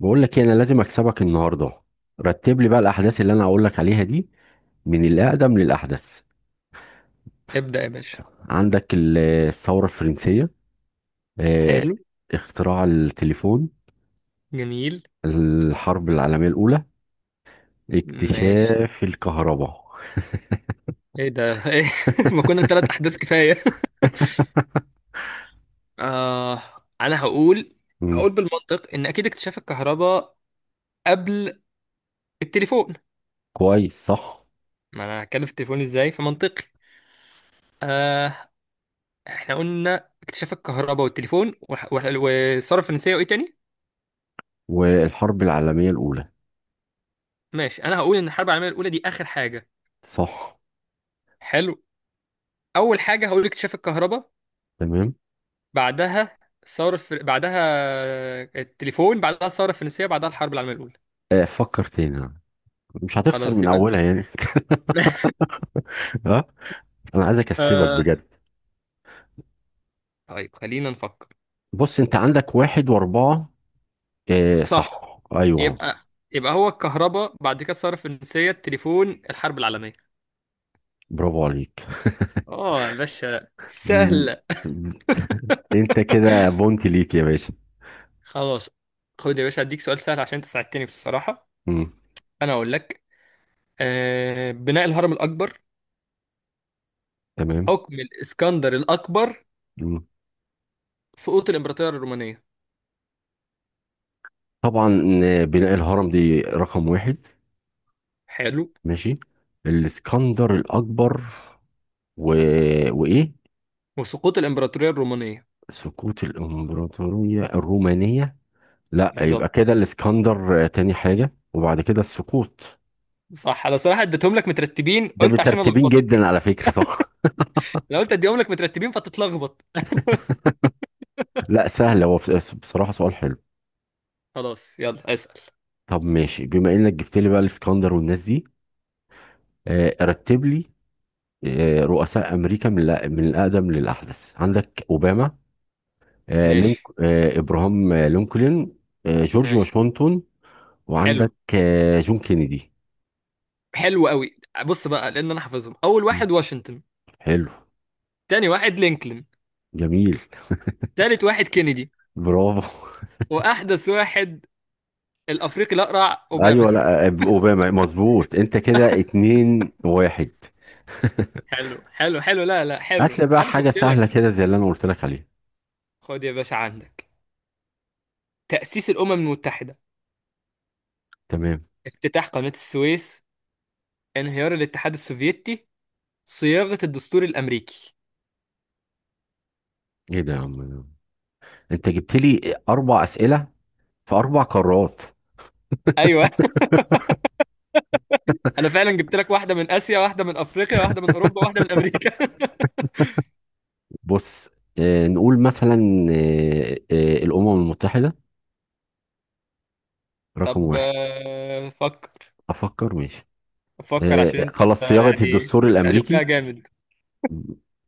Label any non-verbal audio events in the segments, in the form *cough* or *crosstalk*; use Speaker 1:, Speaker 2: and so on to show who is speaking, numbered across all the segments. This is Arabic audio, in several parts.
Speaker 1: بقول لك إيه، انا لازم اكسبك النهارده. رتب لي بقى الاحداث اللي انا هقول لك عليها دي من الاقدم للاحدث.
Speaker 2: ابدأ يا باشا.
Speaker 1: عندك الثوره الفرنسيه، آه،
Speaker 2: حلو.
Speaker 1: اختراع التليفون،
Speaker 2: جميل.
Speaker 1: الحرب العالميه الاولى،
Speaker 2: ماشي.
Speaker 1: اكتشاف الكهرباء.
Speaker 2: ايه ده؟ *laughs* ايه؟ ما
Speaker 1: *laughs*
Speaker 2: كنا ثلاث احداث كفاية. *laughs* آه. انا هقول
Speaker 1: مم.
Speaker 2: هقول بالمنطق ان اكيد اكتشاف الكهرباء قبل التليفون.
Speaker 1: كويس صح.
Speaker 2: ما انا هتكلم في التليفون ازاي فمنطقي. آه. احنا قلنا اكتشاف الكهرباء والتليفون والثورة الفرنسية وايه تاني؟
Speaker 1: والحرب العالميه الاولى.
Speaker 2: ماشي. انا هقول ان الحرب العالمية الاولى دي اخر حاجة.
Speaker 1: صح.
Speaker 2: حلو. اول حاجة هقول اكتشاف الكهرباء
Speaker 1: تمام.
Speaker 2: بعدها بعدها التليفون بعدها الثورة الفرنسية بعدها الحرب العالمية الأولى.
Speaker 1: فكر تاني، مش هتخسر
Speaker 2: خلاص
Speaker 1: من
Speaker 2: يبقى انت.
Speaker 1: اولها يعني.
Speaker 2: *laughs*
Speaker 1: *laughs* ها، انا عايز اكسبك
Speaker 2: آه...
Speaker 1: بجد.
Speaker 2: طيب خلينا نفكر.
Speaker 1: بص انت عندك واحد واربعة. آه
Speaker 2: صح.
Speaker 1: صح ايوه.
Speaker 2: يبقى يبقى هو الكهرباء بعد كده الثورة الفرنسية التليفون الحرب العالمية.
Speaker 1: برافو عليك.
Speaker 2: اه يا باشا
Speaker 1: مم.
Speaker 2: سهلة.
Speaker 1: انت كده بونتي ليك يا باشا.
Speaker 2: خلاص. خد يا باشا اديك سؤال سهل عشان انت ساعدتني بصراحة.
Speaker 1: مم.
Speaker 2: انا اقول لك بناء الهرم الاكبر،
Speaker 1: تمام.
Speaker 2: حكم الاسكندر الاكبر،
Speaker 1: مم.
Speaker 2: سقوط الامبراطورية الرومانية.
Speaker 1: طبعا. بناء الهرم دي رقم واحد.
Speaker 2: حلو.
Speaker 1: ماشي. الاسكندر الاكبر و... وايه.
Speaker 2: وسقوط الامبراطورية الرومانية.
Speaker 1: سقوط الامبراطوريه الرومانيه. لا يبقى
Speaker 2: بالظبط.
Speaker 1: كده الاسكندر تاني حاجه وبعد كده السقوط.
Speaker 2: صح انا صراحة اديتهم لك مترتبين
Speaker 1: ده
Speaker 2: قلت عشان
Speaker 1: مترتبين
Speaker 2: الخبطك.
Speaker 1: جدا على فكره صح.
Speaker 2: لو قلت اديهم لك مترتبين فتتلخبط. *laughs*
Speaker 1: *laughs* لا سهل هو بصراحه سؤال حلو.
Speaker 2: خلاص يلا اسأل.
Speaker 1: طب ماشي بما انك جبت لي بقى الاسكندر والناس دي. رتب لي رؤساء امريكا من من الاقدم للاحدث. عندك اوباما، آه، لينك
Speaker 2: ماشي.
Speaker 1: آه، ابراهام لينكولن، جورج
Speaker 2: ماشي.
Speaker 1: واشنطن،
Speaker 2: حلو.
Speaker 1: وعندك جون كينيدي.
Speaker 2: حلو قوي. بص بقى لان انا حافظهم. اول
Speaker 1: مم.
Speaker 2: واحد واشنطن،
Speaker 1: حلو.
Speaker 2: تاني واحد لينكولن،
Speaker 1: جميل.
Speaker 2: تالت واحد كينيدي،
Speaker 1: برافو.
Speaker 2: واحدث واحد الافريقي الاقرع
Speaker 1: *laughs*
Speaker 2: اوباما.
Speaker 1: ايوه لا اوباما مظبوط، انت كده اتنين واحد.
Speaker 2: *laughs*
Speaker 1: *laughs*
Speaker 2: حلو حلو حلو، لا لا
Speaker 1: هات
Speaker 2: حلو،
Speaker 1: لي بقى
Speaker 2: انا
Speaker 1: حاجه
Speaker 2: فقت
Speaker 1: سهله
Speaker 2: لك.
Speaker 1: كده زي اللي انا قلت لك عليها.
Speaker 2: خد يا باشا عندك تأسيس الامم المتحدة،
Speaker 1: تمام.
Speaker 2: افتتاح قناة السويس، انهيار الاتحاد السوفيتي، صياغة الدستور الامريكي.
Speaker 1: ايه ده يا عم، انت جبت لي اربع اسئله في اربع قارات.
Speaker 2: ايوه. *laughs* انا فعلا جبت لك واحدة من اسيا واحدة من افريقيا واحدة من اوروبا واحدة من امريكا. *laughs*
Speaker 1: بص نقول مثلا الأمم المتحدة رقم
Speaker 2: طب
Speaker 1: واحد.
Speaker 2: فكر.
Speaker 1: أفكر ماشي.
Speaker 2: افكر عشان انت
Speaker 1: خلاص صياغة
Speaker 2: يعني
Speaker 1: الدستور
Speaker 2: قلبتها
Speaker 1: الأمريكي.
Speaker 2: جامد.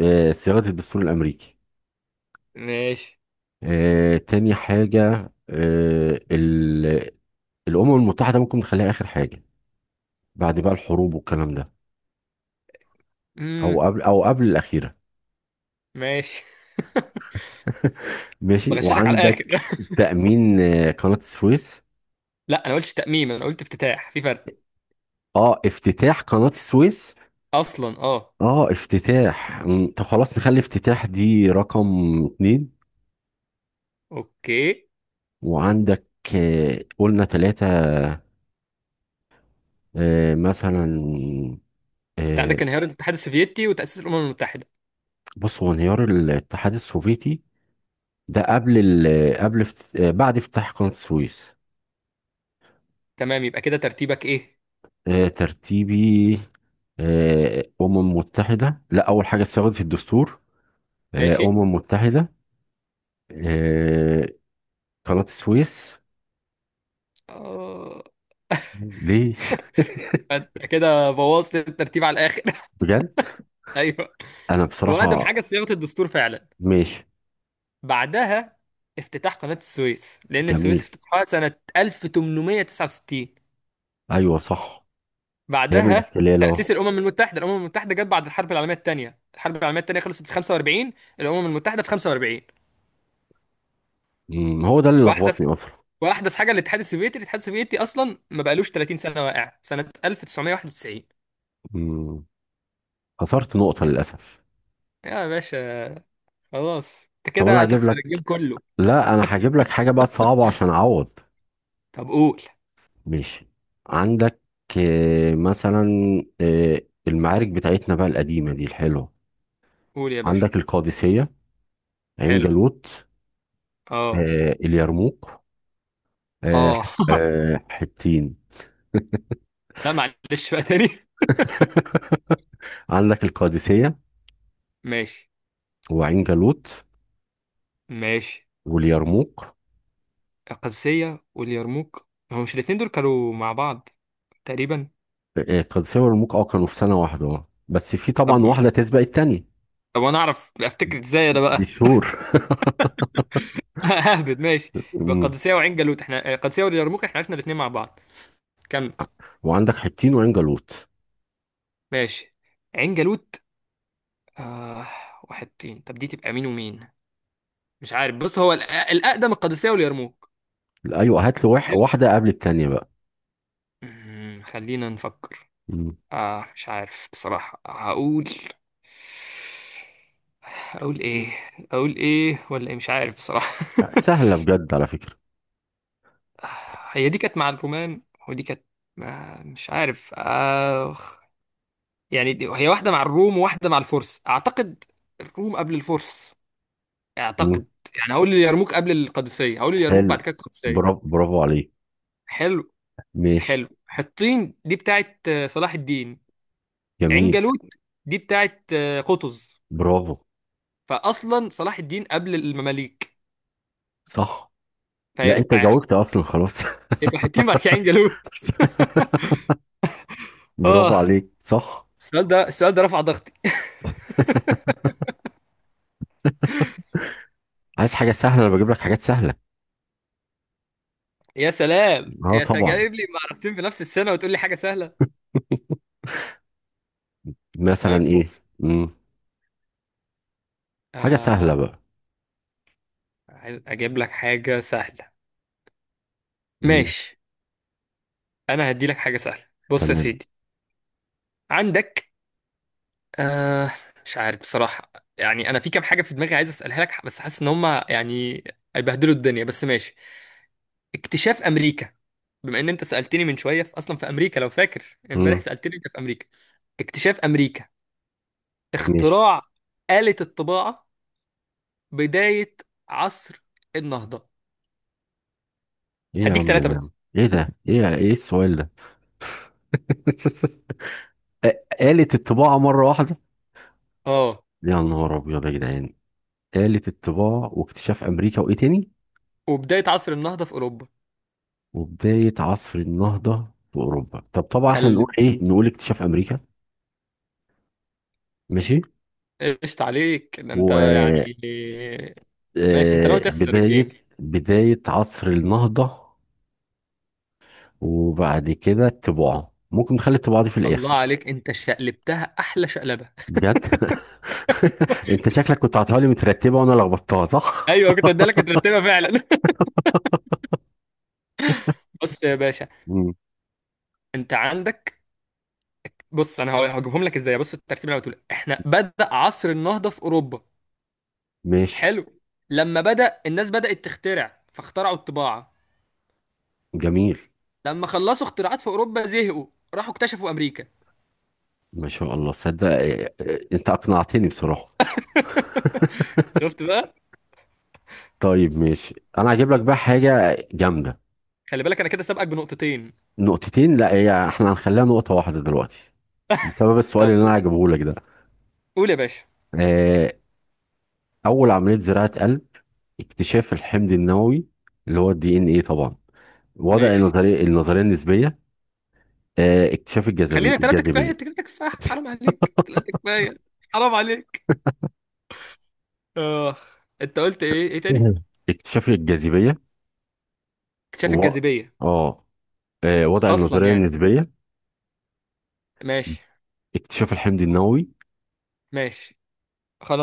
Speaker 1: صياغة الدستور الأمريكي.
Speaker 2: ماشي.
Speaker 1: تاني حاجة، آه، ال- الأمم المتحدة ممكن نخليها آخر حاجة بعد بقى الحروب والكلام ده. أو
Speaker 2: امم.
Speaker 1: قبل أو قبل الأخيرة.
Speaker 2: ماشي. *laughs*
Speaker 1: *laughs* ماشي.
Speaker 2: بغششك على الاخر.
Speaker 1: وعندك تأمين قناة السويس.
Speaker 2: *laughs* لا انا قلتش تأميم، انا قلت افتتاح، في فرق.
Speaker 1: اه افتتاح قناة السويس.
Speaker 2: اصلا اه.
Speaker 1: اه افتتاح طب خلاص نخلي افتتاح دي رقم اتنين.
Speaker 2: اوكي.
Speaker 1: وعندك قلنا تلاتة، مثلا.
Speaker 2: انت
Speaker 1: آه،
Speaker 2: عندك انهيار الاتحاد السوفيتي وتأسيس الامم المتحدة.
Speaker 1: بص هو انهيار الاتحاد السوفيتي ده قبل ال قبل افت- آه، بعد افتتاح قناة السويس.
Speaker 2: تمام يبقى كده ترتيبك ايه؟
Speaker 1: ترتيبي أمم متحدة. لا أول حاجة اتساوت في الدستور،
Speaker 2: ماشي.
Speaker 1: أمم متحدة، آه، قناة السويس.
Speaker 2: اه.
Speaker 1: ليه.
Speaker 2: انت كده بوظت الترتيب على الاخر. *laughs*
Speaker 1: *laughs* بجد.
Speaker 2: ايوه.
Speaker 1: أنا
Speaker 2: هو اقدم
Speaker 1: بصراحة
Speaker 2: حاجه صياغه الدستور فعلا.
Speaker 1: ماشي.
Speaker 2: بعدها افتتاح قناه السويس لان السويس
Speaker 1: جميل.
Speaker 2: افتتحها سنه 1869.
Speaker 1: ايوه صح. هي من
Speaker 2: بعدها
Speaker 1: الاحتلال اه.
Speaker 2: تأسيس الأمم المتحدة. الأمم المتحدة جت بعد الحرب العالمية الثانية. الحرب العالمية الثانية خلصت في 45. الأمم المتحدة في 45.
Speaker 1: هو ده اللي
Speaker 2: وأحدث
Speaker 1: لخبطني اصلا.
Speaker 2: وأحدث حاجة الاتحاد السوفيتي. الاتحاد السوفيتي أصلا ما بقالوش 30 سنة، واقع سنة 1991.
Speaker 1: أمم، خسرت نقطة للأسف.
Speaker 2: يا باشا خلاص أنت
Speaker 1: طب انا
Speaker 2: كده
Speaker 1: هجيب
Speaker 2: هتخسر
Speaker 1: لك،
Speaker 2: الجيم كله.
Speaker 1: لا انا هجيب لك حاجة بقى صعبة عشان اعوض.
Speaker 2: طب قول.
Speaker 1: ماشي عندك مثلا آه، المعارك بتاعتنا بقى القديمة دي الحلوة.
Speaker 2: قول يا باشا.
Speaker 1: عندك القادسية، عين
Speaker 2: حلو.
Speaker 1: جالوت،
Speaker 2: أه.
Speaker 1: اليرموك، آه،
Speaker 2: أه.
Speaker 1: حطين.
Speaker 2: *laughs* لا معلش بقى تاني.
Speaker 1: *laughs* عندك القادسية
Speaker 2: ماشي.
Speaker 1: وعين جالوت
Speaker 2: ماشي.
Speaker 1: واليرموك.
Speaker 2: القادسية واليرموك هو مش الاتنين دول كانوا مع بعض تقريبا؟
Speaker 1: القادسية واليرموك اه كانوا في سنة واحدة بس في
Speaker 2: طب.
Speaker 1: طبعا واحدة تسبق التانية.
Speaker 2: طب انا اعرف افتكر ازاي انا
Speaker 1: دي
Speaker 2: بقى؟
Speaker 1: شهور.
Speaker 2: *laughs* اهبد ماشي.
Speaker 1: *laughs*
Speaker 2: يبقى
Speaker 1: مم.
Speaker 2: قادسية وعين جالوت احنا قادسية واليرموك احنا عرفنا الاثنين مع بعض. كمل.
Speaker 1: وعندك حطين وعنجلوت.
Speaker 2: ماشي. عين جالوت. آه... واحد تين، طب دي تبقى مين ومين؟ مش عارف. بص هو الاقدم القادسية واليرموك.
Speaker 1: ايوه هات لي
Speaker 2: حلو.
Speaker 1: واحده قبل التانيه بقى.
Speaker 2: خلينا نفكر.
Speaker 1: مم.
Speaker 2: مش عارف بصراحة. هقول ايه؟ اقول ايه ولا ايه؟ مش عارف بصراحة.
Speaker 1: لا،
Speaker 2: *laughs*
Speaker 1: سهله بجد على فكره.
Speaker 2: هي دي كانت مع الرومان. ودي كانت مش عارف. يعني هي واحدة مع الروم وواحدة مع الفرس أعتقد. الروم قبل الفرس
Speaker 1: مم.
Speaker 2: أعتقد. يعني هقول اليرموك قبل القادسية. هقول اليرموك
Speaker 1: حلو.
Speaker 2: بعد كده
Speaker 1: برافو
Speaker 2: القادسية.
Speaker 1: برافو عليك.
Speaker 2: حلو.
Speaker 1: ماشي.
Speaker 2: حلو. حطين دي بتاعت صلاح الدين. عين
Speaker 1: جميل.
Speaker 2: جالوت دي بتاعت قطز.
Speaker 1: برافو.
Speaker 2: فأصلا صلاح الدين قبل المماليك.
Speaker 1: صح. لا انت
Speaker 2: فيبقى
Speaker 1: جاوبت اصلا خلاص.
Speaker 2: يبقى حطين بعد كده عين جالوت. *laughs*
Speaker 1: *laughs* برافو
Speaker 2: آه.
Speaker 1: عليك صح.
Speaker 2: السؤال ده، السؤال ده رفع ضغطي.
Speaker 1: عايز حاجه سهله، انا بجيب لك حاجات سهله.
Speaker 2: يا سلام
Speaker 1: اه
Speaker 2: يا سلام
Speaker 1: طبعا.
Speaker 2: جايب لي معركتين في نفس السنة وتقول لي حاجة سهلة.
Speaker 1: *laughs* مثلا
Speaker 2: طيب
Speaker 1: ايه.
Speaker 2: بص.
Speaker 1: مم. حاجه
Speaker 2: آه
Speaker 1: سهله بقى.
Speaker 2: عايز اجيب لك حاجة سهلة.
Speaker 1: مم.
Speaker 2: ماشي. انا هدي لك حاجه سهله بص يا
Speaker 1: تمام.
Speaker 2: سيدي. عندك آه مش عارف بصراحه. يعني انا في كام حاجه في دماغي عايز اسالها لك بس حاسس ان هم يعني هيبهدلوا الدنيا. بس ماشي. اكتشاف امريكا. بما ان انت سالتني من شويه في اصلا في امريكا، لو فاكر امبارح
Speaker 1: مم.
Speaker 2: سالتني انت في امريكا. اكتشاف امريكا،
Speaker 1: ماشي.
Speaker 2: اختراع آلة الطباعه، بدايه عصر النهضه.
Speaker 1: ايه يا
Speaker 2: هديك
Speaker 1: عم
Speaker 2: ثلاثه
Speaker 1: ده،
Speaker 2: بس.
Speaker 1: ايه ده، ايه ايه السؤال ده. *laughs* آلة الطباعة مرة واحدة.
Speaker 2: اه.
Speaker 1: يا نهار أبيض يا جدعان. آلة الطباعة واكتشاف أمريكا وإيه تاني.
Speaker 2: وبدايه عصر النهضه في
Speaker 1: وبداية عصر النهضة في أوروبا. طب طبعا إحنا نقول
Speaker 2: اوروبا.
Speaker 1: إيه، نقول اكتشاف أمريكا. ماشي.
Speaker 2: قشط عليك ده انت يعني. ماشي. انت ناوي تخسر
Speaker 1: وبداية
Speaker 2: الجيم.
Speaker 1: بداية عصر النهضة. وبعد كده الطباعة ممكن نخلي الطباعة دي في
Speaker 2: الله
Speaker 1: الآخر.
Speaker 2: عليك انت شقلبتها احلى شقلبه.
Speaker 1: بجد. *laughs* أنت شكلك كنت عطاها لي مترتبة وأنا لخبطتها
Speaker 2: *laughs*
Speaker 1: صح؟
Speaker 2: ايوه كنت ادالك كنت مرتبها فعلا. *laughs* بص يا باشا.
Speaker 1: *laughs* مم.
Speaker 2: انت عندك. بص انا هجيبهم لك ازاي. بص الترتيب اللي انا بتقول احنا بدأ عصر النهضه في اوروبا.
Speaker 1: ماشي.
Speaker 2: حلو. لما بدأ الناس بدأت تخترع فاخترعوا الطباعه.
Speaker 1: جميل.
Speaker 2: لما خلصوا اختراعات في اوروبا زهقوا، راحوا اكتشفوا امريكا.
Speaker 1: ما شاء الله صدق. أنت أقنعتني بصراحة.
Speaker 2: شفت بقى.
Speaker 1: طيب ماشي انا هجيب لك بقى حاجه جامده.
Speaker 2: خلي بالك انا كده سابقك بنقطتين.
Speaker 1: نقطتين، لا هي احنا هنخليها نقطه واحده دلوقتي بسبب السؤال
Speaker 2: طب
Speaker 1: اللي انا هجيبه لك ده.
Speaker 2: قول يا باشا.
Speaker 1: آه، اول عمليه زراعه قلب، اكتشاف الحمض النووي اللي هو DNA طبعا، وضع
Speaker 2: ماشي.
Speaker 1: النظريه النسبيه، اكتشاف الجاذبيه
Speaker 2: خلينا ثلاثة كفاية.
Speaker 1: الجاذبيه
Speaker 2: انت كده كفاية، حرام
Speaker 1: *laughs*
Speaker 2: عليك ثلاثة كفاية، حرام عليك. اه. انت قلت ايه؟ ايه تاني؟
Speaker 1: مهم. اكتشاف الجاذبيه و...
Speaker 2: اكتشاف الجاذبية.
Speaker 1: اه آه، وضع
Speaker 2: اصلا
Speaker 1: النظريه
Speaker 2: يعني.
Speaker 1: النسبيه،
Speaker 2: ماشي.
Speaker 1: اكتشاف الحمض النووي.
Speaker 2: ماشي.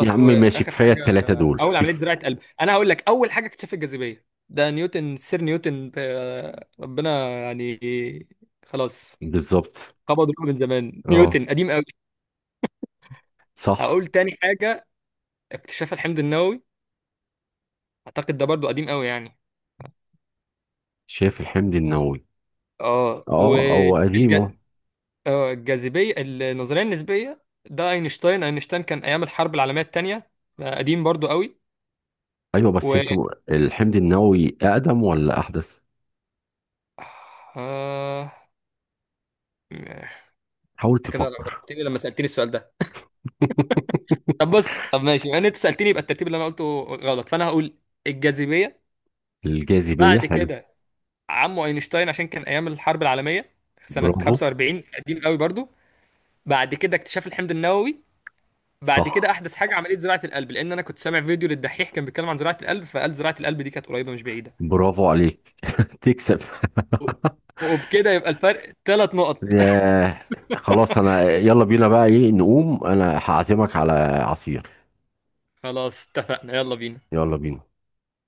Speaker 1: يا عم ماشي
Speaker 2: واخر
Speaker 1: كفايه
Speaker 2: حاجة
Speaker 1: الثلاثه دول
Speaker 2: اول عملية
Speaker 1: كيف.
Speaker 2: زراعة قلب. انا هقول لك اول حاجة اكتشاف الجاذبية، ده نيوتن سير نيوتن، ربنا يعني. خلاص.
Speaker 1: بالظبط.
Speaker 2: قبض روحه من زمان
Speaker 1: اه
Speaker 2: نيوتن قديم قوي.
Speaker 1: صح.
Speaker 2: هقول تاني حاجة اكتشاف الحمض النووي. اعتقد ده برضو قديم قوي يعني.
Speaker 1: شايف الحمض النووي.
Speaker 2: اه
Speaker 1: اه هو قديم اهو.
Speaker 2: والجاذبية. الجاذبية النظرية النسبية ده اينشتاين. اينشتاين كان ايام الحرب العالمية التانية. قديم برضو قوي.
Speaker 1: ايوه
Speaker 2: و
Speaker 1: بس انت الحمض النووي اقدم ولا احدث.
Speaker 2: آه، آه،
Speaker 1: حاول
Speaker 2: كده
Speaker 1: تفكر.
Speaker 2: لخبطتني لما سألتني السؤال ده.
Speaker 1: *laughs*
Speaker 2: طب بص. طب ماشي يعني انت سألتني يبقى الترتيب اللي انا قلته غلط فانا هقول الجاذبية.
Speaker 1: الجاذبية
Speaker 2: بعد
Speaker 1: حلو.
Speaker 2: كده عمه اينشتاين عشان كان ايام الحرب العالمية سنة
Speaker 1: برافو.
Speaker 2: 45 قديم قوي برضو. بعد كده اكتشاف الحمض النووي. بعد كده
Speaker 1: صح.
Speaker 2: احدث حاجة عملية زراعة القلب لان انا كنت سامع فيديو للدحيح كان بيتكلم عن زراعة القلب فقال زراعة القلب دي كانت قريبة مش بعيدة.
Speaker 1: برافو عليك. *laughs* تكسب. *laughs*
Speaker 2: وبكده يبقى الفرق ثلاث نقط. *laughs*
Speaker 1: ياه. خلاص انا يلا بينا بقى، ايه نقوم انا هعزمك على عصير.
Speaker 2: خلاص اتفقنا يلا بينا.
Speaker 1: يلا بينا.